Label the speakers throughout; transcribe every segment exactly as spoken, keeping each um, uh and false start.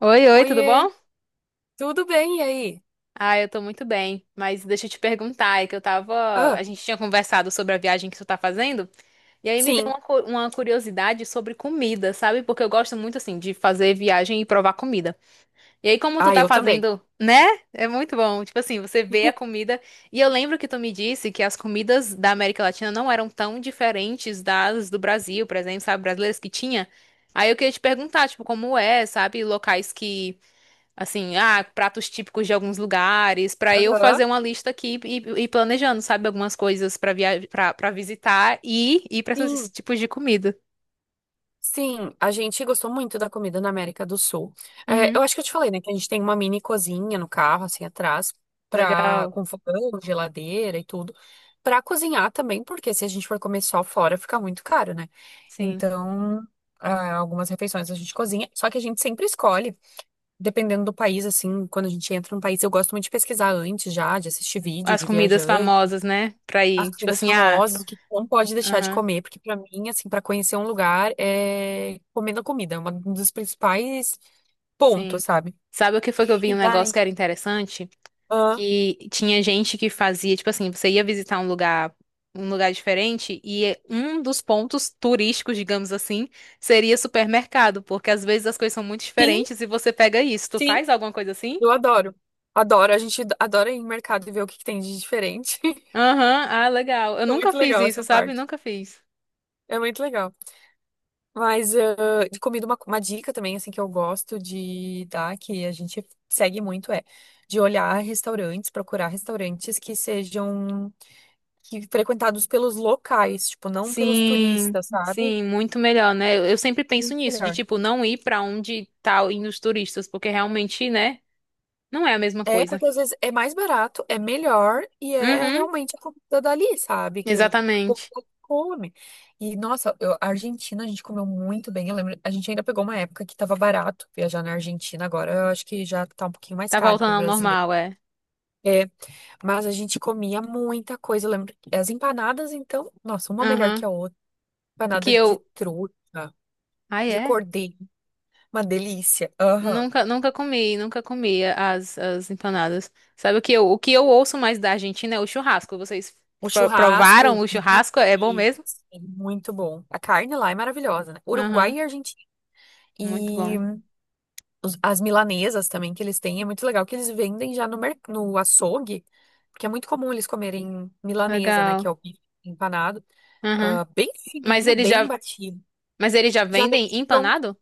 Speaker 1: Oi, oi, tudo
Speaker 2: Oiê,
Speaker 1: bom?
Speaker 2: tudo bem e aí?
Speaker 1: Ah, eu tô muito bem, mas deixa eu te perguntar, é que eu tava,
Speaker 2: Ah,
Speaker 1: a gente tinha conversado sobre a viagem que tu tá fazendo, e aí me deu
Speaker 2: sim.
Speaker 1: uma, cu- uma curiosidade sobre comida, sabe? Porque eu gosto muito, assim, de fazer viagem e provar comida. E aí, como tu
Speaker 2: Ah,
Speaker 1: tá
Speaker 2: eu também.
Speaker 1: fazendo, né? É muito bom, tipo assim, você vê a comida, e eu lembro que tu me disse que as comidas da América Latina não eram tão diferentes das do Brasil, por exemplo, sabe, brasileiras que tinha. Aí eu queria te perguntar, tipo, como é, sabe, locais que assim, ah, pratos típicos de alguns lugares, pra eu
Speaker 2: Aham.
Speaker 1: fazer uma lista aqui e e ir planejando, sabe, algumas coisas pra via para para visitar e ir pra esses
Speaker 2: Sim,
Speaker 1: tipos de comida.
Speaker 2: sim. A gente gostou muito da comida na América do Sul. É,
Speaker 1: Uhum.
Speaker 2: eu acho que eu te falei, né, que a gente tem uma mini cozinha no carro, assim, atrás, pra,
Speaker 1: Legal.
Speaker 2: com fogão, geladeira e tudo, pra cozinhar também, porque se a gente for comer só fora, fica muito caro, né?
Speaker 1: Sim.
Speaker 2: Então, ah, algumas refeições a gente cozinha, só que a gente sempre escolhe, dependendo do país, assim, quando a gente entra num país, eu gosto muito de pesquisar antes já, de assistir vídeo
Speaker 1: As
Speaker 2: de
Speaker 1: comidas
Speaker 2: viajante.
Speaker 1: famosas, né? Pra
Speaker 2: As
Speaker 1: ir, tipo
Speaker 2: comidas
Speaker 1: assim, ah,
Speaker 2: famosas, o que não pode deixar de
Speaker 1: aham,
Speaker 2: comer, porque pra mim, assim, pra conhecer um lugar é comendo a comida, é um dos principais
Speaker 1: sim.
Speaker 2: pontos, sabe?
Speaker 1: Sabe o que foi que eu vi
Speaker 2: E
Speaker 1: um negócio
Speaker 2: daí,
Speaker 1: que era interessante?
Speaker 2: ah,
Speaker 1: Que tinha gente que fazia, tipo assim, você ia visitar um lugar, um lugar diferente e um dos pontos turísticos, digamos assim, seria supermercado, porque às vezes as coisas são muito
Speaker 2: sim,
Speaker 1: diferentes e você pega isso. Tu
Speaker 2: sim,
Speaker 1: faz alguma coisa assim?
Speaker 2: eu adoro. Adoro, a gente adora ir em mercado e ver o que que tem de diferente.
Speaker 1: Aham, ah, legal. Eu
Speaker 2: É
Speaker 1: nunca
Speaker 2: muito
Speaker 1: fiz
Speaker 2: legal
Speaker 1: isso,
Speaker 2: essa
Speaker 1: sabe?
Speaker 2: parte.
Speaker 1: Nunca fiz.
Speaker 2: É muito legal. Mas ah, de comida, uma, uma dica também, assim, que eu gosto de dar, que a gente segue muito, é de olhar restaurantes, procurar restaurantes que sejam que frequentados pelos locais, tipo, não pelos
Speaker 1: Sim,
Speaker 2: turistas, sabe?
Speaker 1: sim, muito melhor, né? Eu, eu sempre penso
Speaker 2: Muito
Speaker 1: nisso, de
Speaker 2: melhor.
Speaker 1: tipo, não ir pra onde tá indo os turistas, porque realmente, né, não é a mesma
Speaker 2: É,
Speaker 1: coisa.
Speaker 2: porque às vezes é mais barato, é melhor e é
Speaker 1: Uhum,
Speaker 2: realmente a comida dali, sabe? Que o que o povo
Speaker 1: exatamente.
Speaker 2: come. E, nossa, eu- a Argentina a gente comeu muito bem. Eu lembro, a gente ainda pegou uma época que tava barato viajar na Argentina. Agora eu acho que já tá um pouquinho mais
Speaker 1: Tá
Speaker 2: caro pro
Speaker 1: voltando ao
Speaker 2: brasileiro.
Speaker 1: normal, é.
Speaker 2: É, mas a gente comia muita coisa. Eu lembro que as empanadas, então, nossa, uma melhor que
Speaker 1: Aham.
Speaker 2: a outra.
Speaker 1: O que
Speaker 2: Empanada de
Speaker 1: eu.
Speaker 2: truta,
Speaker 1: Ah,
Speaker 2: de
Speaker 1: é?
Speaker 2: cordeiro, uma delícia. Aham.
Speaker 1: Nunca, nunca comi, nunca comi as, as empanadas. Sabe o que eu, o que eu ouço mais da Argentina é o churrasco. Vocês
Speaker 2: O
Speaker 1: pro- provaram
Speaker 2: churrasco,
Speaker 1: o
Speaker 2: bife,
Speaker 1: churrasco? É bom mesmo?
Speaker 2: sim, muito bom. A carne lá é maravilhosa, né? Uruguai
Speaker 1: Aham,
Speaker 2: e Argentina.
Speaker 1: muito
Speaker 2: E
Speaker 1: bom.
Speaker 2: os- as milanesas também que eles têm, é muito legal que eles vendem já no, mer- no açougue, porque é muito comum eles comerem milanesa, né? Que
Speaker 1: Legal.
Speaker 2: é o bife empanado,
Speaker 1: Aham.
Speaker 2: ah, bem
Speaker 1: Mas
Speaker 2: fininho,
Speaker 1: eles
Speaker 2: bem
Speaker 1: já,
Speaker 2: batido.
Speaker 1: mas eles já
Speaker 2: Já vende
Speaker 1: vendem
Speaker 2: pronto.
Speaker 1: empanado?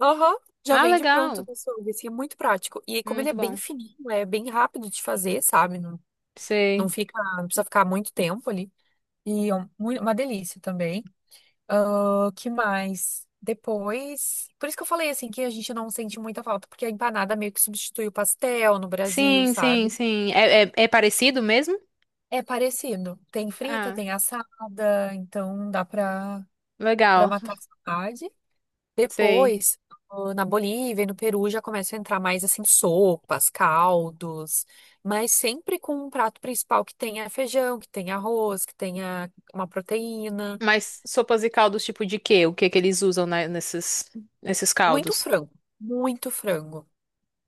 Speaker 2: Aham, já
Speaker 1: Ah,
Speaker 2: vem de pronto
Speaker 1: legal.
Speaker 2: do açougue, assim, é muito prático. E como ele é
Speaker 1: Muito
Speaker 2: bem
Speaker 1: bom.
Speaker 2: fininho, é bem rápido de fazer, sabe? Não, não
Speaker 1: Sei.
Speaker 2: fica, não precisa ficar muito tempo ali. E é um- mui- uma delícia também. Ah, que mais? Depois. Por isso que eu falei assim que a gente não sente muita falta, porque a empanada meio que substitui o pastel no Brasil,
Speaker 1: Sim, sim,
Speaker 2: sabe?
Speaker 1: sim. É, é, é parecido mesmo?
Speaker 2: É parecido. Tem frita,
Speaker 1: Ah,
Speaker 2: tem assada, então dá pra, pra
Speaker 1: legal.
Speaker 2: matar a saudade.
Speaker 1: Sei.
Speaker 2: Depois, ah, na Bolívia e no Peru já começa a entrar mais assim sopas, caldos, mas sempre com um prato principal que tenha feijão, que tenha arroz, que tenha uma proteína.
Speaker 1: Mas sopas e caldos tipo de quê? O que que eles usam na- nesses, nesses
Speaker 2: Muito
Speaker 1: caldos?
Speaker 2: frango, muito frango.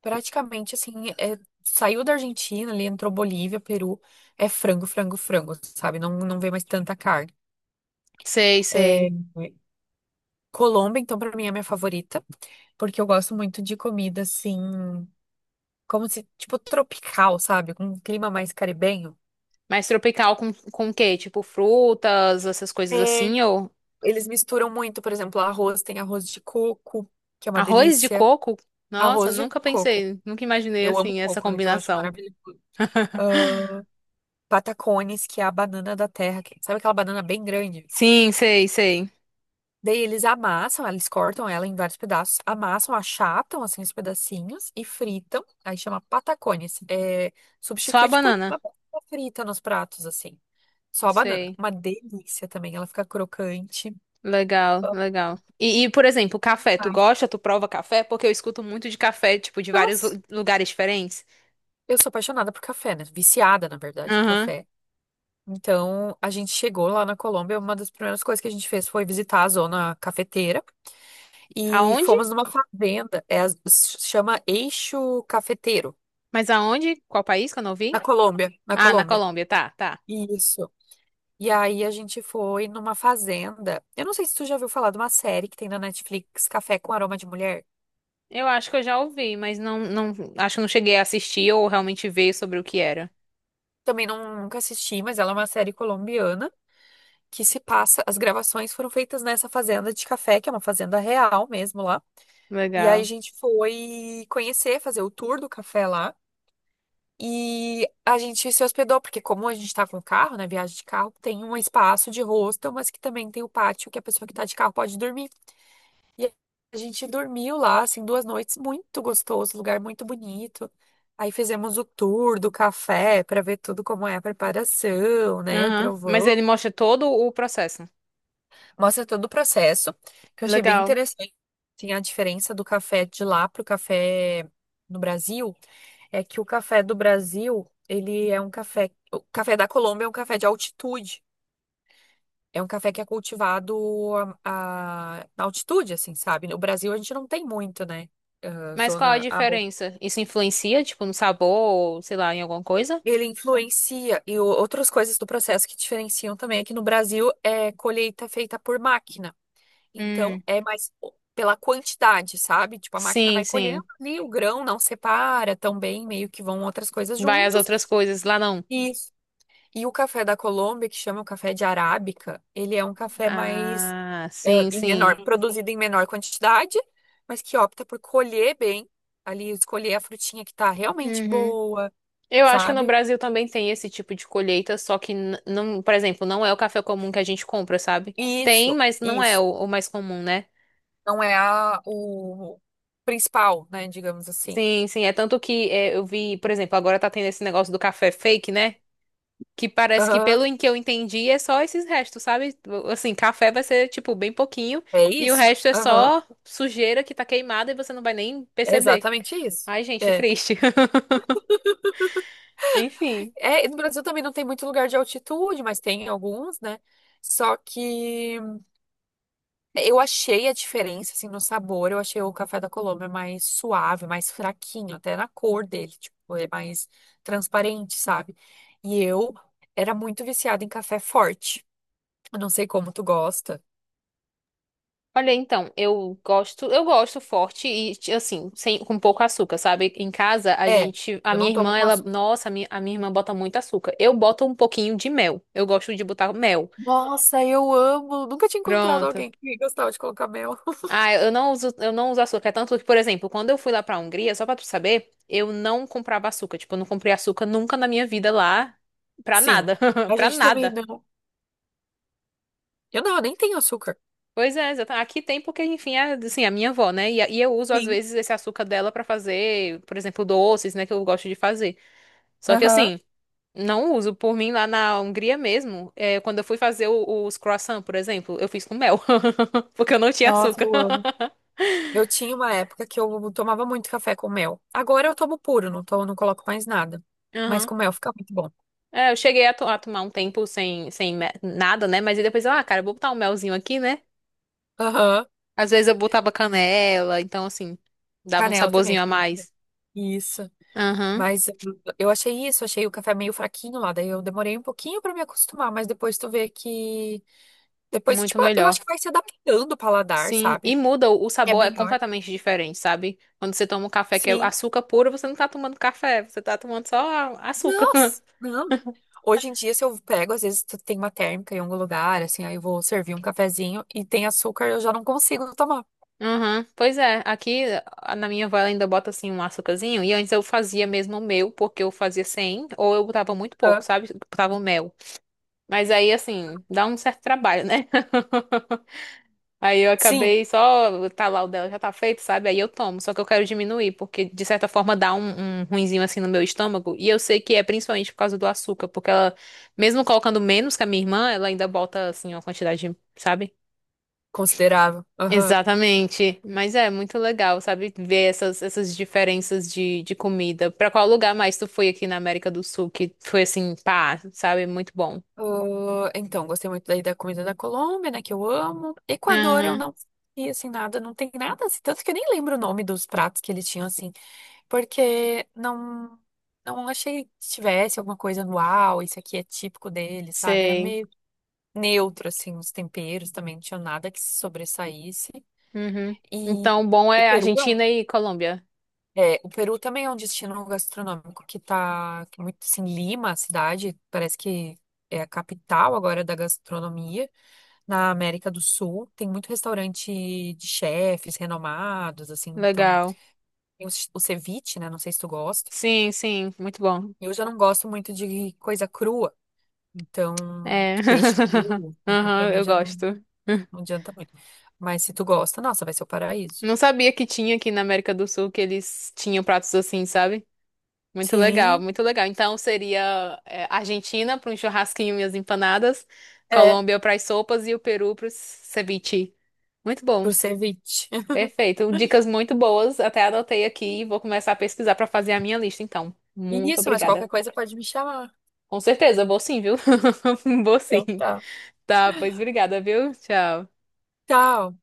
Speaker 2: Praticamente assim, é- saiu da Argentina, ali entrou Bolívia, Peru, é frango, frango, frango, sabe? Não, não vê mais tanta carne.
Speaker 1: Sei,
Speaker 2: É,
Speaker 1: sei.
Speaker 2: Colômbia, então, pra mim é a minha favorita, porque eu gosto muito de comida assim, como se, tipo, tropical, sabe? Com um clima mais caribenho.
Speaker 1: Mais tropical com, com o quê? Tipo frutas, essas coisas
Speaker 2: É,
Speaker 1: assim, ou
Speaker 2: eles misturam muito, por exemplo, arroz, tem arroz de coco, que é uma
Speaker 1: arroz de
Speaker 2: delícia.
Speaker 1: coco? Nossa,
Speaker 2: Arroz de
Speaker 1: nunca
Speaker 2: coco.
Speaker 1: pensei, nunca
Speaker 2: E
Speaker 1: imaginei
Speaker 2: Eu amo
Speaker 1: assim essa
Speaker 2: coco, né? Então eu acho
Speaker 1: combinação.
Speaker 2: maravilhoso. Patacones, que é a banana da terra, que- sabe aquela banana bem grande?
Speaker 1: Sim, sei, sei.
Speaker 2: Daí eles amassam, eles cortam ela em vários pedaços, amassam, achatam assim os pedacinhos e fritam. Aí chama patacones. É,
Speaker 1: Só a
Speaker 2: substitui tipo
Speaker 1: banana.
Speaker 2: a batata frita nos pratos assim. Só a banana.
Speaker 1: Sei.
Speaker 2: Uma delícia também, ela fica crocante.
Speaker 1: Legal, legal. E, e, por exemplo, café, tu
Speaker 2: Ai,
Speaker 1: gosta? Tu prova café? Porque eu escuto muito de café, tipo, de vários
Speaker 2: nossa,
Speaker 1: lu- lugares diferentes.
Speaker 2: eu sou apaixonada por café, né? Viciada, na verdade, em
Speaker 1: Aham.
Speaker 2: café. Então, a gente chegou lá na Colômbia, uma das primeiras coisas que a gente fez foi visitar a zona cafeteira e
Speaker 1: Aonde?
Speaker 2: fomos numa fazenda, é, a- chama Eixo Cafeteiro.
Speaker 1: Mas aonde? Qual país que eu não
Speaker 2: Na
Speaker 1: vi?
Speaker 2: Colômbia, na
Speaker 1: Ah, na
Speaker 2: Colômbia.
Speaker 1: Colômbia, tá, tá.
Speaker 2: Isso. E aí a gente foi numa fazenda. Eu não sei se tu já ouviu falar de uma série que tem na Netflix, Café com Aroma de Mulher.
Speaker 1: Eu acho que eu já ouvi, mas não, não, acho que eu não cheguei a assistir ou realmente ver sobre o que era.
Speaker 2: Também não, nunca assisti, mas ela é uma série colombiana que se passa. As gravações foram feitas nessa fazenda de café, que é uma fazenda real mesmo lá. E aí a
Speaker 1: Legal.
Speaker 2: gente foi conhecer, fazer o tour do café lá. E a gente se hospedou, porque como a gente tá com carro, né, viagem de carro, tem um espaço de hostel, mas que também tem o pátio que a pessoa que tá de carro pode dormir. E a gente dormiu lá, assim, duas noites, muito gostoso, lugar muito bonito. Aí fizemos o tour do café para ver tudo como é a preparação, né?
Speaker 1: Aham. Mas
Speaker 2: Provou.
Speaker 1: ele mostra todo o processo.
Speaker 2: Mostra todo o processo, que eu achei bem
Speaker 1: Legal.
Speaker 2: interessante. Assim, a diferença do café de lá pro café no Brasil é que o café do Brasil, ele é um café. O café da Colômbia é um café de altitude. É um café que é cultivado a- a- na altitude, assim, sabe? No Brasil a gente não tem muito, né? Ah,
Speaker 1: Mas qual a
Speaker 2: zona.
Speaker 1: diferença? Isso influencia, tipo, no sabor ou, sei lá, em alguma coisa?
Speaker 2: Ele influencia e o- outras coisas do processo que diferenciam também aqui no Brasil é colheita feita por máquina. Então
Speaker 1: Hum.
Speaker 2: é mais o- pela quantidade, sabe? Tipo, a máquina
Speaker 1: Sim,
Speaker 2: vai colhendo
Speaker 1: sim.
Speaker 2: ali, o grão não separa também, meio que vão outras coisas
Speaker 1: Vai as
Speaker 2: juntos.
Speaker 1: outras coisas lá não.
Speaker 2: Isso. E o café da Colômbia, que chama o café de arábica, ele é um café mais
Speaker 1: Ah,
Speaker 2: é,
Speaker 1: sim,
Speaker 2: em
Speaker 1: sim.
Speaker 2: menor, produzido em menor quantidade, mas que opta por colher bem, ali escolher a frutinha que tá realmente
Speaker 1: Uhum.
Speaker 2: boa,
Speaker 1: Eu acho que no
Speaker 2: sabe?
Speaker 1: Brasil também tem esse tipo de colheita, só que n- não, por exemplo, não é o café comum que a gente compra, sabe? Tem,
Speaker 2: Isso,
Speaker 1: mas não é
Speaker 2: isso.
Speaker 1: o o mais comum, né?
Speaker 2: Não é a, o principal, né? Digamos assim.
Speaker 1: Sim, sim. É tanto que é, eu vi, por exemplo, agora tá tendo esse negócio do café fake, né? Que parece que,
Speaker 2: Aham.
Speaker 1: pelo em que eu entendi, é só esses restos, sabe? Assim, café vai ser, tipo, bem pouquinho
Speaker 2: É
Speaker 1: e o
Speaker 2: isso?
Speaker 1: resto é
Speaker 2: Aham.
Speaker 1: só sujeira que tá queimada e você não vai nem
Speaker 2: É
Speaker 1: perceber.
Speaker 2: exatamente isso.
Speaker 1: Ai, gente,
Speaker 2: É.
Speaker 1: triste. Enfim.
Speaker 2: É, e no Brasil também não tem muito lugar de altitude, mas tem alguns, né? Só que eu achei a diferença, assim, no sabor. Eu achei o café da Colômbia mais suave, mais fraquinho, até na cor dele, tipo, é mais transparente, sabe? E eu era muito viciada em café forte. Eu não sei como tu gosta.
Speaker 1: Olha, então, eu gosto, eu gosto forte e ti- assim, sem com pouco açúcar, sabe? Em casa a
Speaker 2: É,
Speaker 1: gente, a
Speaker 2: eu
Speaker 1: minha
Speaker 2: não tomo
Speaker 1: irmã,
Speaker 2: com
Speaker 1: ela,
Speaker 2: açúcar.
Speaker 1: nossa, a minha, a minha irmã bota muito açúcar. Eu boto um pouquinho de mel. Eu gosto de botar mel.
Speaker 2: Nossa, eu amo. Nunca tinha encontrado
Speaker 1: Pronto.
Speaker 2: alguém que gostava de colocar mel.
Speaker 1: Ah, eu não uso, eu não uso açúcar. É tanto que, por exemplo, quando eu fui lá pra Hungria, só pra tu saber, eu não comprava açúcar. Tipo, eu não comprei açúcar nunca na minha vida lá, pra
Speaker 2: Sim,
Speaker 1: nada,
Speaker 2: a
Speaker 1: pra
Speaker 2: gente também
Speaker 1: nada.
Speaker 2: não. Eu não, eu nem tenho açúcar.
Speaker 1: Pois é, exata- aqui tem porque, enfim, é, assim, a minha avó, né? E, a- e eu uso, às
Speaker 2: Sim.
Speaker 1: vezes, esse açúcar dela pra fazer, por exemplo, doces, né, que eu gosto de fazer. Só que,
Speaker 2: Aham.
Speaker 1: assim, não uso. Por mim, lá na Hungria mesmo, é, quando eu fui fazer o- os croissant, por exemplo, eu fiz com mel, porque eu não tinha
Speaker 2: Nossa,
Speaker 1: açúcar.
Speaker 2: eu amo. Eu tinha uma época que eu tomava muito café com mel. Agora eu tomo puro, não tomo, não coloco mais nada. Mas
Speaker 1: Aham.
Speaker 2: com mel fica muito bom.
Speaker 1: É, eu cheguei a, to- a tomar um tempo sem, sem me- nada, né? Mas aí depois, eu, ah, cara, eu vou botar um melzinho aqui, né?
Speaker 2: Aham.
Speaker 1: Às vezes eu botava canela, então assim, dava um
Speaker 2: Canela também
Speaker 1: saborzinho a
Speaker 2: fica muito bom.
Speaker 1: mais.
Speaker 2: Isso.
Speaker 1: Aham,
Speaker 2: Mas eu eu achei isso, achei o café meio fraquinho lá, daí eu demorei um pouquinho pra me acostumar, mas depois tu vê que depois
Speaker 1: muito
Speaker 2: tipo, eu acho
Speaker 1: melhor.
Speaker 2: que vai se adaptando o paladar,
Speaker 1: Sim, e
Speaker 2: sabe?
Speaker 1: muda, o o
Speaker 2: É
Speaker 1: sabor é
Speaker 2: melhor.
Speaker 1: completamente diferente, sabe? Quando você toma um café que é
Speaker 2: Sim,
Speaker 1: açúcar puro, você não tá tomando café, você tá tomando só a- açúcar.
Speaker 2: nossa, não. Hoje em dia, se eu pego, às vezes tu tem uma térmica em algum lugar, assim, aí eu vou servir um cafezinho e tem açúcar, eu já não consigo tomar.
Speaker 1: Aham, pois é, aqui a- na minha avó ela ainda bota assim um açúcarzinho, e antes eu fazia mesmo o meu, porque eu fazia sem, ou eu botava muito pouco,
Speaker 2: Hã?
Speaker 1: sabe? Botava o mel. Mas aí, assim, dá um certo trabalho, né? Aí eu
Speaker 2: Sim,
Speaker 1: acabei só, tá lá o dela já tá feito, sabe? Aí eu tomo, só que eu quero diminuir, porque de certa forma dá um, um ruinzinho assim no meu estômago. E eu sei que é principalmente por causa do açúcar, porque ela, mesmo colocando menos que a minha irmã, ela ainda bota, assim, uma quantidade, sabe?
Speaker 2: considerável. Aham.
Speaker 1: Exatamente. Mas é muito legal, sabe? Ver essas, essas diferenças de, de comida. Pra qual lugar mais tu foi aqui na América do Sul que foi assim, pá, sabe? Muito bom.
Speaker 2: Ah, então, gostei muito daí da comida da Colômbia, né, que eu amo. Equador, eu
Speaker 1: Aham,
Speaker 2: não e assim nada, não tem nada, assim, tanto que eu nem lembro o nome dos pratos que eles tinham assim, porque não não achei que tivesse alguma coisa no uau, isso aqui é típico deles, sabe? Era
Speaker 1: sei.
Speaker 2: meio neutro, assim, os temperos também não tinham nada que se sobressaísse.
Speaker 1: Uhum.
Speaker 2: E
Speaker 1: Então, bom
Speaker 2: o
Speaker 1: é
Speaker 2: Peru é, um,
Speaker 1: Argentina e Colômbia.
Speaker 2: é, o Peru também é um destino gastronômico que tá que é muito assim, Lima, a cidade, parece que é a capital agora da gastronomia na América do Sul. Tem muito restaurante de chefes renomados, assim, então
Speaker 1: Legal.
Speaker 2: tem o, o ceviche, né? Não sei se tu gosta.
Speaker 1: Sim, sim, muito bom.
Speaker 2: Eu já não gosto muito de coisa crua, então,
Speaker 1: É.
Speaker 2: de peixe cru, então pra
Speaker 1: Aham,
Speaker 2: mim
Speaker 1: eu
Speaker 2: já não
Speaker 1: gosto.
Speaker 2: Não adianta muito. Mas se tu gosta, nossa, vai ser o paraíso.
Speaker 1: Não sabia que tinha aqui na América do Sul que eles tinham pratos assim, sabe? Muito legal,
Speaker 2: Sim,
Speaker 1: muito legal. Então seria é, Argentina para um churrasquinho e as empanadas,
Speaker 2: é,
Speaker 1: Colômbia para as sopas e o Peru para o ceviche. Muito bom,
Speaker 2: por ceviche.
Speaker 1: perfeito. Dicas muito boas, até anotei aqui e vou começar a pesquisar para fazer a minha lista, então. Muito
Speaker 2: Isso, mas qualquer
Speaker 1: obrigada.
Speaker 2: coisa pode me chamar.
Speaker 1: Com certeza, vou sim, viu? Vou sim.
Speaker 2: Então tá.
Speaker 1: Tá, pois obrigada, viu? Tchau.
Speaker 2: Tchau.